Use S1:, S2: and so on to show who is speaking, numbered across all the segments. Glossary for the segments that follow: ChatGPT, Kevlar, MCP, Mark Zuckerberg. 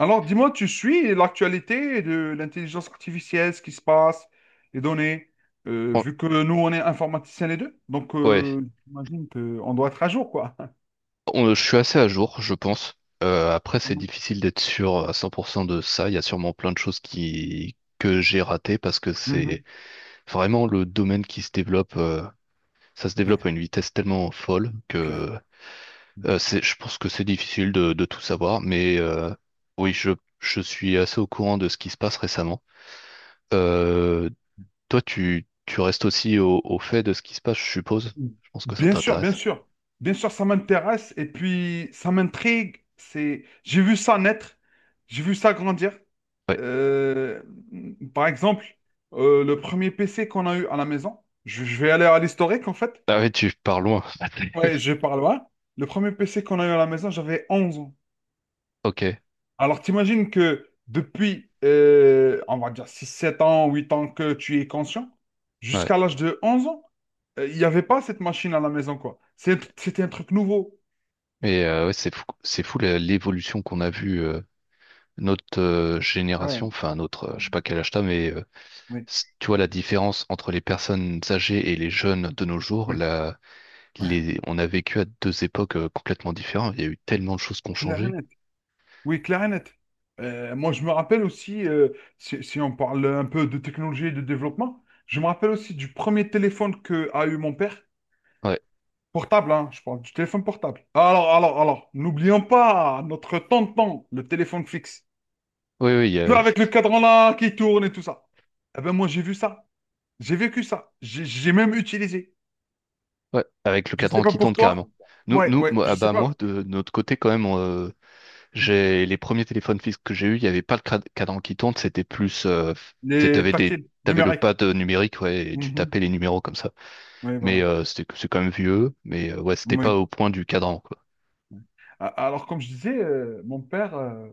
S1: Alors, dis-moi, tu suis l'actualité de l'intelligence artificielle, ce qui se passe, les données,
S2: Fran-
S1: vu que nous, on est informaticiens les deux, donc
S2: Ouais,
S1: j'imagine qu'on doit être à jour, quoi.
S2: Je suis assez à jour, je pense. Après, c'est difficile d'être sûr à 100% de ça. Il y a sûrement plein de choses qui que j'ai ratées parce que c'est
S1: Mhm.
S2: vraiment le domaine qui se développe. Ça se développe
S1: Ouais,
S2: à une vitesse tellement folle
S1: c'est clair.
S2: que je pense que c'est difficile de tout savoir. Mais oui, je, je suis assez au courant de ce qui se passe récemment. Euh, toi, tu restes aussi au fait de ce qui se passe, je suppose.
S1: Mhm.
S2: Je pense que ça
S1: Bien sûr, bien
S2: t'intéresse.
S1: sûr. Bien sûr, ça m'intéresse et puis ça m'intrigue. J'ai vu ça naître, j'ai vu ça grandir.
S2: Ouais.
S1: Euh, Par exemple, le premier PC qu'on a eu à la maison, je vais aller à l'historique, en fait.
S2: Ah oui, tu pars loin.
S1: Ouais, je parle par loin. Le premier PC qu'on a eu à la maison, j'avais 11 ans.
S2: Ok.
S1: Alors, t'imagines que depuis, on va dire 6, 7 ans, 8 ans que tu es conscient,
S2: Ouais.
S1: jusqu'à l'âge de 11 ans, il n'y avait pas cette machine à la maison, quoi. C'était un truc nouveau.
S2: Et ouais, c'est fou l'évolution qu'on a vue notre génération,
S1: Ouais.
S2: enfin je sais pas quel âge t'as, mais euh,
S1: Oui,
S2: c- tu vois la différence entre les personnes âgées et les jeunes de nos jours,
S1: oui,
S2: là,
S1: ouais.
S2: les, on a vécu à deux époques complètement différentes. Il y a eu tellement de choses qui ont
S1: Clair et
S2: changé.
S1: net. Oui, clair et net. Moi, je me rappelle aussi, si on parle un peu de technologie et de développement, je me rappelle aussi du premier téléphone que a eu mon père.
S2: Ouais,
S1: Portable, hein, je parle du téléphone portable. Alors, n'oublions pas notre tonton, le téléphone fixe.
S2: oui, oui, il y
S1: Plus
S2: a...
S1: avec le cadran là qui tourne et tout ça. Eh ben moi, j'ai vu ça. J'ai vécu ça. J'ai même utilisé.
S2: ouais, avec le
S1: Je
S2: cadran
S1: sais pas
S2: qui tourne
S1: pour toi.
S2: carrément.
S1: Ouais, ouais,
S2: Moi,
S1: je
S2: ah
S1: sais
S2: bah
S1: pas.
S2: moi de notre côté quand même, j'ai les premiers téléphones fixes que j'ai eu, il n'y avait pas le cadran qui tourne, c'était plus, tu
S1: Les
S2: avais des,
S1: tactiles
S2: t'avais le
S1: numériques.
S2: pad numérique, ouais, et tu
S1: Mhm.
S2: tapais les numéros comme ça.
S1: Oui, voilà.
S2: C'est quand même vieux, mais ouais, c'était pas
S1: Oui.
S2: au point du cadran, quoi.
S1: Alors, comme je disais, mon père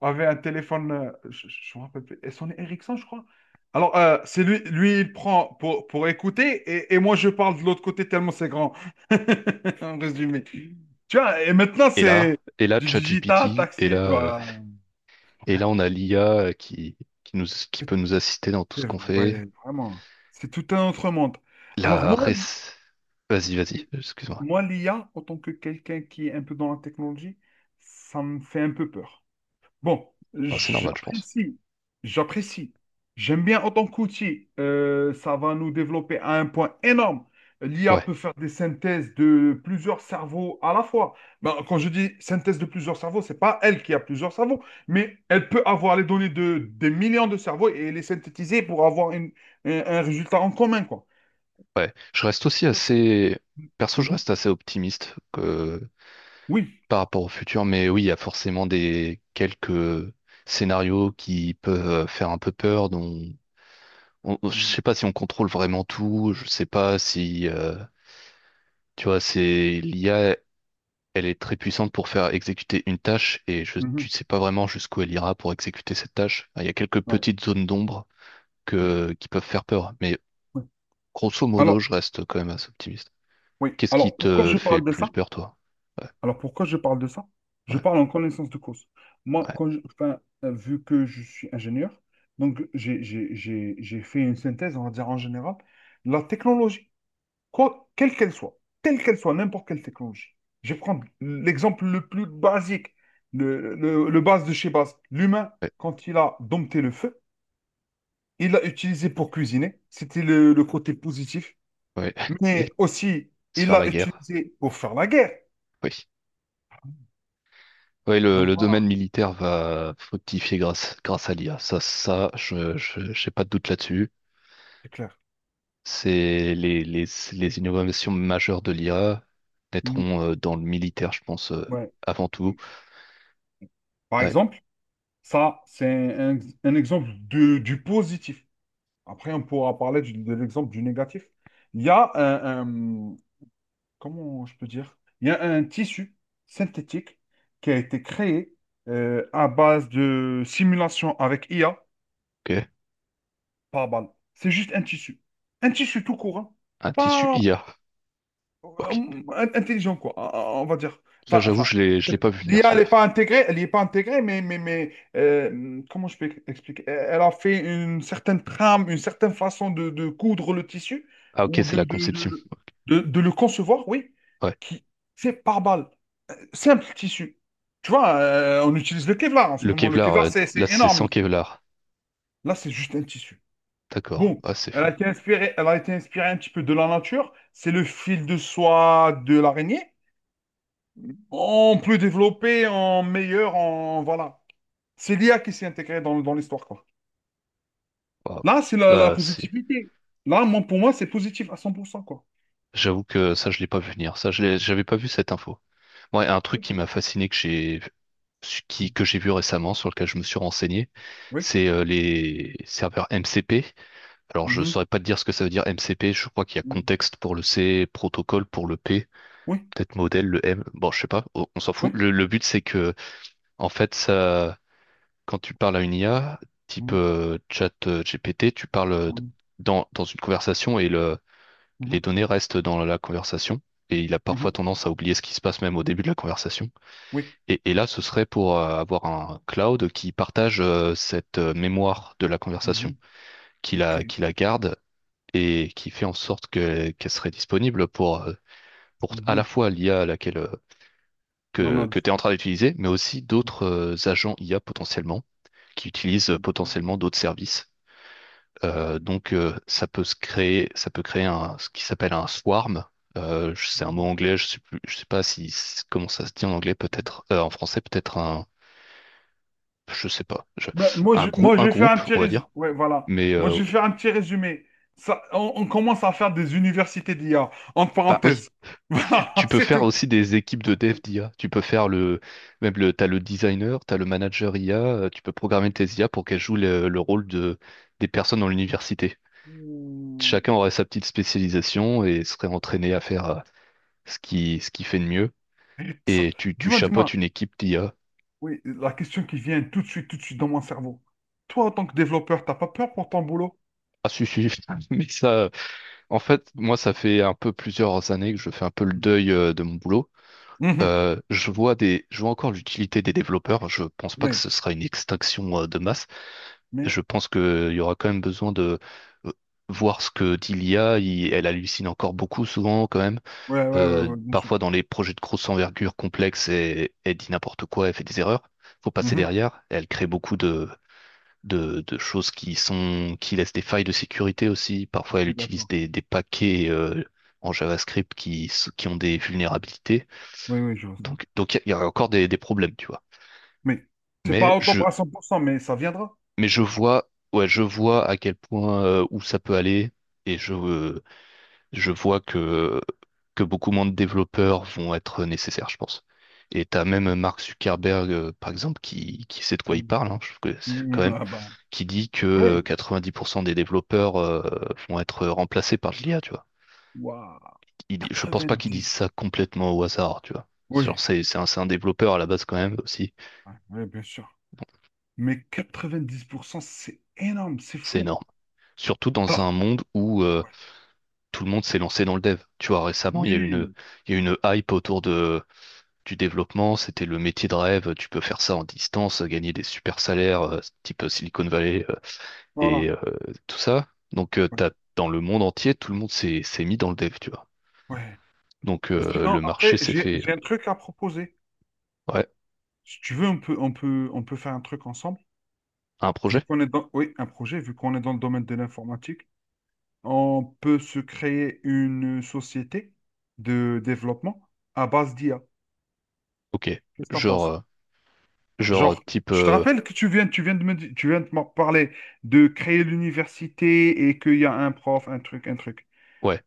S1: avait un téléphone, je me rappelle plus, son Ericsson, je crois. Alors, c'est lui, lui, il prend pour écouter et moi, je parle de l'autre côté tellement c'est grand. En résumé. Tu vois, et maintenant,
S2: Et là,
S1: c'est
S2: et là,
S1: du digital,
S2: ChatGPT, et là,
S1: taxi,
S2: euh,
S1: toi.
S2: et là, on a l'IA qui nous, qui peut nous assister dans tout ce qu'on
S1: Ouais,
S2: fait.
S1: vraiment. C'est tout un autre monde. Alors,
S2: La
S1: moi,
S2: res... Vas-y, vas-y,
S1: oui,
S2: excuse-moi.
S1: moi l'IA, en tant que quelqu'un qui est un peu dans la technologie, ça me fait un peu peur. Bon,
S2: Ah, c'est normal, je pense.
S1: j'apprécie, j'apprécie. J'aime bien autant qu'outil. Ça va nous développer à un point énorme. L'IA
S2: Ouais,
S1: peut faire des synthèses de plusieurs cerveaux à la fois. Ben, quand je dis synthèse de plusieurs cerveaux, c'est pas elle qui a plusieurs cerveaux, mais elle peut avoir les données de des millions de cerveaux et les synthétiser pour avoir un résultat en commun, quoi.
S2: ouais. Je reste aussi
S1: Ça, c'est-
S2: perso, je
S1: Mhm.
S2: reste assez optimiste
S1: Oui.
S2: par rapport au futur, mais oui, il y a forcément des quelques scénarios qui peuvent faire un peu peur, dont je
S1: Mhm.
S2: sais pas si on contrôle vraiment tout, je sais pas si tu vois, c'est l'IA, elle est très puissante pour faire exécuter une tâche et tu
S1: Mhm.
S2: sais pas vraiment jusqu'où elle ira pour exécuter cette tâche. Enfin, il y a quelques
S1: Ouais.
S2: petites zones d'ombre
S1: Ouais.
S2: que qui peuvent faire peur, mais
S1: Ouais.
S2: grosso modo,
S1: Alors,
S2: je reste quand même assez optimiste.
S1: oui.
S2: Qu'est-ce qui
S1: Alors, pourquoi
S2: te
S1: je
S2: fait le
S1: parle de ça?
S2: plus peur, toi? Ouais,
S1: Alors pourquoi je parle de ça? Je
S2: ouais,
S1: parle en connaissance de cause. Moi, enfin, vu que je suis ingénieur, donc j'ai fait une synthèse, on va dire en général, la technologie, quoi, quelle qu'elle soit, telle qu'elle soit, n'importe quelle technologie. Je vais prendre l'exemple le plus basique, le base de chez base. L'humain,
S2: ouais,
S1: quand il a dompté le feu, il l'a utilisé pour cuisiner, c'était le côté positif,
S2: ouais. Ouais. Et
S1: mais aussi
S2: se
S1: il
S2: faire la
S1: l'a
S2: guerre.
S1: utilisé pour faire la guerre.
S2: Oui, oui, le,
S1: Donc
S2: le
S1: voilà,
S2: domaine militaire va fructifier grâce à l'IA. Ça, ça, j'ai pas de doute là-dessus.
S1: c'est clair.
S2: C'est les innovations majeures de l'IA
S1: Mhm.
S2: naîtront dans le militaire, je pense,
S1: Ouais.
S2: avant tout.
S1: Par
S2: Ouais,
S1: exemple, ça, c'est un exemple du positif. Après, on pourra parler de l'exemple du négatif. Il y a un- comment je peux dire? Il y a un tissu synthétique qui a été créé à base de simulation avec IA
S2: ok.
S1: par balle. C'est juste un tissu. Un tissu tout court, hein.
S2: Un tissu
S1: Pas
S2: IA. Ok.
S1: euh, intelligent, quoi, on va dire.
S2: Là,
S1: Enfin,
S2: j'avoue,
S1: enfin,
S2: je l'ai pas vu venir,
S1: l'IA, elle
S2: celui-là.
S1: n'est pas intégrée, elle y est pas intégrée, mais comment je peux expliquer? Elle a fait une certaine trame, une certaine façon de coudre le tissu
S2: Ah, ok,
S1: ou
S2: c'est la conception.
S1: de le concevoir, oui,
S2: Ouais.
S1: qui c'est par balle. Simple tissu. Tu vois, on utilise le Kevlar en ce
S2: Le
S1: moment. Le
S2: Kevlar,
S1: Kevlar, c'est
S2: là, c'est
S1: énorme.
S2: sans Kevlar.
S1: Là, c'est juste un tissu.
S2: D'accord.
S1: Bon,
S2: Ah, c'est fou.
S1: elle a été inspirée un petit peu de la nature. C'est le fil de soie de l'araignée. On peut développer en meilleur, en voilà. C'est l'IA qui s'est intégrée dans l'histoire, quoi.
S2: Waouh.
S1: Là, c'est la
S2: Bah, c'est,
S1: positivité. Là, moi, pour moi, c'est positif à 100% quoi.
S2: J'avoue que ça, je l'ai pas vu venir. Ça, j'avais pas vu cette info. Ouais, un truc
S1: Oui.
S2: qui m'a fasciné que j'ai vu récemment, sur lequel je me suis renseigné,
S1: Oui.
S2: c'est les serveurs MCP. Alors, je
S1: Mhm.
S2: saurais pas te dire ce que ça veut dire MCP. Je crois qu'il y a
S1: Mhm.
S2: contexte pour le C, protocole pour le P,
S1: Oui.
S2: peut-être modèle, le M. Bon, je sais pas, on s'en fout.
S1: Oui.
S2: Le but, c'est que, en fait, ça, quand tu parles à une IA, type
S1: Mhm.
S2: chat GPT, tu parles euh, dans une conversation et les
S1: Mhm.
S2: données restent dans la conversation. Et il a
S1: Mhm.
S2: parfois
S1: Mhm.
S2: tendance à oublier ce qui se passe même au début de la conversation.
S1: Oui.
S2: Et là, ce serait pour avoir un cloud qui partage cette mémoire de la conversation,
S1: Mhm. OK.
S2: qui la garde et qui fait en sorte qu'elle serait disponible pour à
S1: Mhm.
S2: la fois l'IA à laquelle, euh,
S1: On
S2: que,
S1: a
S2: que
S1: dit.
S2: tu es en train d'utiliser, mais aussi d'autres agents IA potentiellement, qui utilisent potentiellement
S1: Mhm.
S2: d'autres services. Donc, ça peut se créer, ça peut créer un, ce qui s'appelle un swarm. C'est un mot anglais, je sais pas si, comment ça se dit en anglais, peut-être, en français, peut-être un, je sais pas, je...
S1: Ben, moi,
S2: un
S1: je vais faire un
S2: groupe,
S1: petit
S2: on va dire.
S1: résumé. Ouais, voilà.
S2: Mais
S1: Moi,
S2: euh,
S1: je vais faire un petit résumé. Ça, on commence à faire des universités d'IA, entre
S2: bah oui,
S1: parenthèses. Voilà,
S2: tu peux
S1: c'est
S2: faire
S1: tout.
S2: aussi des équipes de dev d'IA. Tu peux faire le même le t'as le designer, t'as le manager IA. Tu peux programmer tes IA pour qu'elles jouent le rôle de des personnes dans l'université. Chacun aurait sa petite spécialisation et serait entraîné à faire ce qu'il fait de mieux.
S1: Ça-
S2: Et tu
S1: Dis-moi, dis-moi,
S2: chapeautes une équipe d'IA.
S1: oui, la question qui vient tout de suite dans mon cerveau. Toi, en tant que développeur, t'as pas peur pour ton boulot?
S2: Ah si si, mais ça, moi ça fait un peu plusieurs années que je fais un peu le deuil de mon boulot.
S1: Mhm.
S2: Je vois encore l'utilité des développeurs. Je pense pas que
S1: Oui,
S2: ce sera une extinction de masse.
S1: mais,
S2: Je pense qu'il y aura quand même besoin de euh, voir ce que dit l'IA. Elle hallucine encore beaucoup souvent quand même.
S1: ouais, ouais, ouais, ouais, bien sûr.
S2: Parfois dans les projets de grosse envergure complexe, elle dit n'importe quoi, elle fait des erreurs. Faut passer
S1: Mhm.
S2: derrière. Elle crée beaucoup de choses qui sont qui laissent des failles de sécurité aussi.
S1: Je
S2: Parfois elle
S1: suis
S2: utilise
S1: d'accord.
S2: des paquets en JavaScript qui ont des vulnérabilités.
S1: Oui, oui, je vois ça.
S2: Donc, il y a encore des problèmes, tu vois.
S1: Mais, c'est
S2: Mais
S1: pas autant
S2: je,
S1: à 100%, mais ça viendra.
S2: mais je vois, ouais, je vois à quel point où ça peut aller et je vois que beaucoup moins de développeurs vont être nécessaires, je pense. Et t'as même Mark Zuckerberg, par exemple, qui sait de quoi il
S1: Mhm.
S2: parle, hein, je trouve que c'est quand
S1: Mhm.
S2: même,
S1: Ah bah,
S2: qui dit que
S1: oui,
S2: 90% des développeurs vont être remplacés par de l'IA, tu vois.
S1: waouh,
S2: Il dit, je pense pas qu'il dise
S1: 90.
S2: ça complètement au hasard, tu vois. C'est Genre,
S1: Oui,
S2: c'est un, C'est un développeur à la base quand même aussi.
S1: ouais, ouais, bien sûr. Mais 90%, c'est énorme, c'est
S2: C'est
S1: fou.
S2: énorme. Surtout dans
S1: Alors,
S2: un monde où
S1: ouais,
S2: tout le monde s'est lancé dans le dev. Tu vois, récemment,
S1: oui,
S2: il y a une hype autour du développement. C'était le métier de rêve. Tu peux faire ça en distance, gagner des super salaires, type Silicon Valley euh,
S1: voilà.
S2: et euh, tout ça. Donc, euh,
S1: Ouais,
S2: t'as, dans le monde entier, tout le monde s'est mis dans le dev, tu vois.
S1: ouais.
S2: Donc,
S1: Sinon,
S2: le marché
S1: après,
S2: s'est
S1: j'ai
S2: fait.
S1: j'ai un truc à proposer.
S2: Ouais,
S1: Si tu veux, on peut faire un truc ensemble.
S2: un
S1: Vu
S2: projet?
S1: qu'on est dans, oui, un projet, vu qu'on est dans le domaine de l'informatique, on peut se créer une société de développement à base d'IA.
S2: Ok.
S1: Qu'est-ce que t'en
S2: Genre,
S1: penses?
S2: genre
S1: Genre,
S2: type.
S1: je te rappelle que tu viens de m'en parler de créer l'université et qu'il y a un prof, un truc, un truc.
S2: Ouais,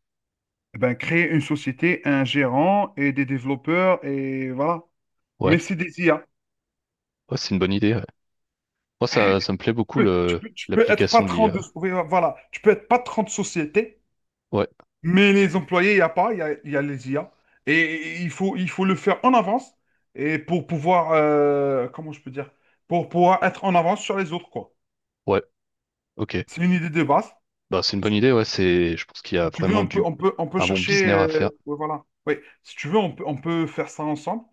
S1: Eh ben, créer une société, un gérant et des développeurs et voilà. Mais
S2: ouais,
S1: c'est des IA.
S2: ouais, c'est une bonne idée. Ouais. Moi, ça me plaît beaucoup
S1: Tu peux, tu peux, tu peux être
S2: l'application de
S1: patron de,
S2: l'IA.
S1: oui, voilà, tu peux être patron de société.
S2: Ouais,
S1: Mais les employés, il n'y a pas, il y a les IA. Et il faut le faire en avance et pour pouvoir, comment je peux dire, pour pouvoir être en avance sur les autres, quoi.
S2: ouais, ok.
S1: C'est une idée de base.
S2: Bah, c'est une bonne idée, ouais. Je pense qu'il y a
S1: Si tu veux,
S2: vraiment
S1: on peut, on peut, on peut
S2: un bon
S1: chercher,
S2: business à faire.
S1: ouais, voilà. Oui, si tu veux, on peut faire ça ensemble.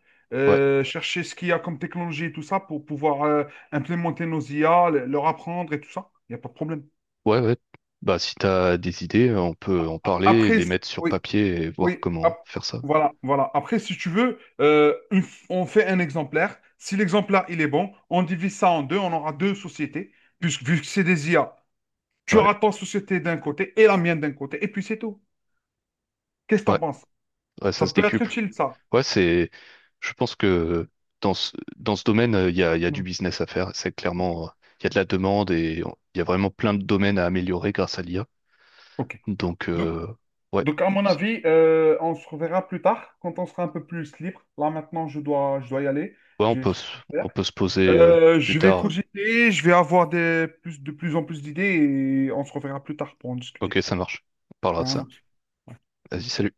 S2: Ouais,
S1: Chercher ce qu'il y a comme technologie et tout ça pour pouvoir implémenter nos IA, leur apprendre et tout ça. Il n'y a pas de problème.
S2: ouais, ouais. Bah, si t'as des idées, on peut en parler,
S1: Après,
S2: les mettre sur
S1: oui,
S2: papier et voir
S1: oui, hop,
S2: comment faire ça.
S1: voilà, voilà. Après, si tu veux, on fait un exemplaire. Si l'exemplaire, il est bon, on divise ça en deux, on aura deux sociétés, puisque vu que c'est des IA, tu
S2: Ouais,
S1: auras ta société d'un côté et la mienne d'un côté, et puis c'est tout. Qu'est-ce que
S2: ouais,
S1: t'en penses?
S2: ouais,
S1: Ça
S2: ça se
S1: peut être
S2: décuple.
S1: utile, ça.
S2: Ouais, c'est, je pense que dans ce domaine, il y a du
S1: Mm.
S2: business à faire. C'est clairement, il y a de la demande et il y a vraiment plein de domaines à améliorer grâce à l'IA.
S1: Ok.
S2: Donc,
S1: Donc,
S2: euh, ouais,
S1: donc, à mon
S2: C'est-
S1: avis, on se reverra plus tard, quand on sera un peu plus libre. Là, maintenant, je dois y aller.
S2: ouais, on
S1: J'ai des
S2: peut,
S1: choses à faire.
S2: on peut se poser, plus
S1: Je vais
S2: tard.
S1: cogiter, je vais avoir de plus en plus d'idées, et on se reverra plus tard pour en
S2: Ok,
S1: discuter.
S2: ça marche. On parlera
S1: Très
S2: de ça.
S1: malheureux
S2: Vas-y, salut.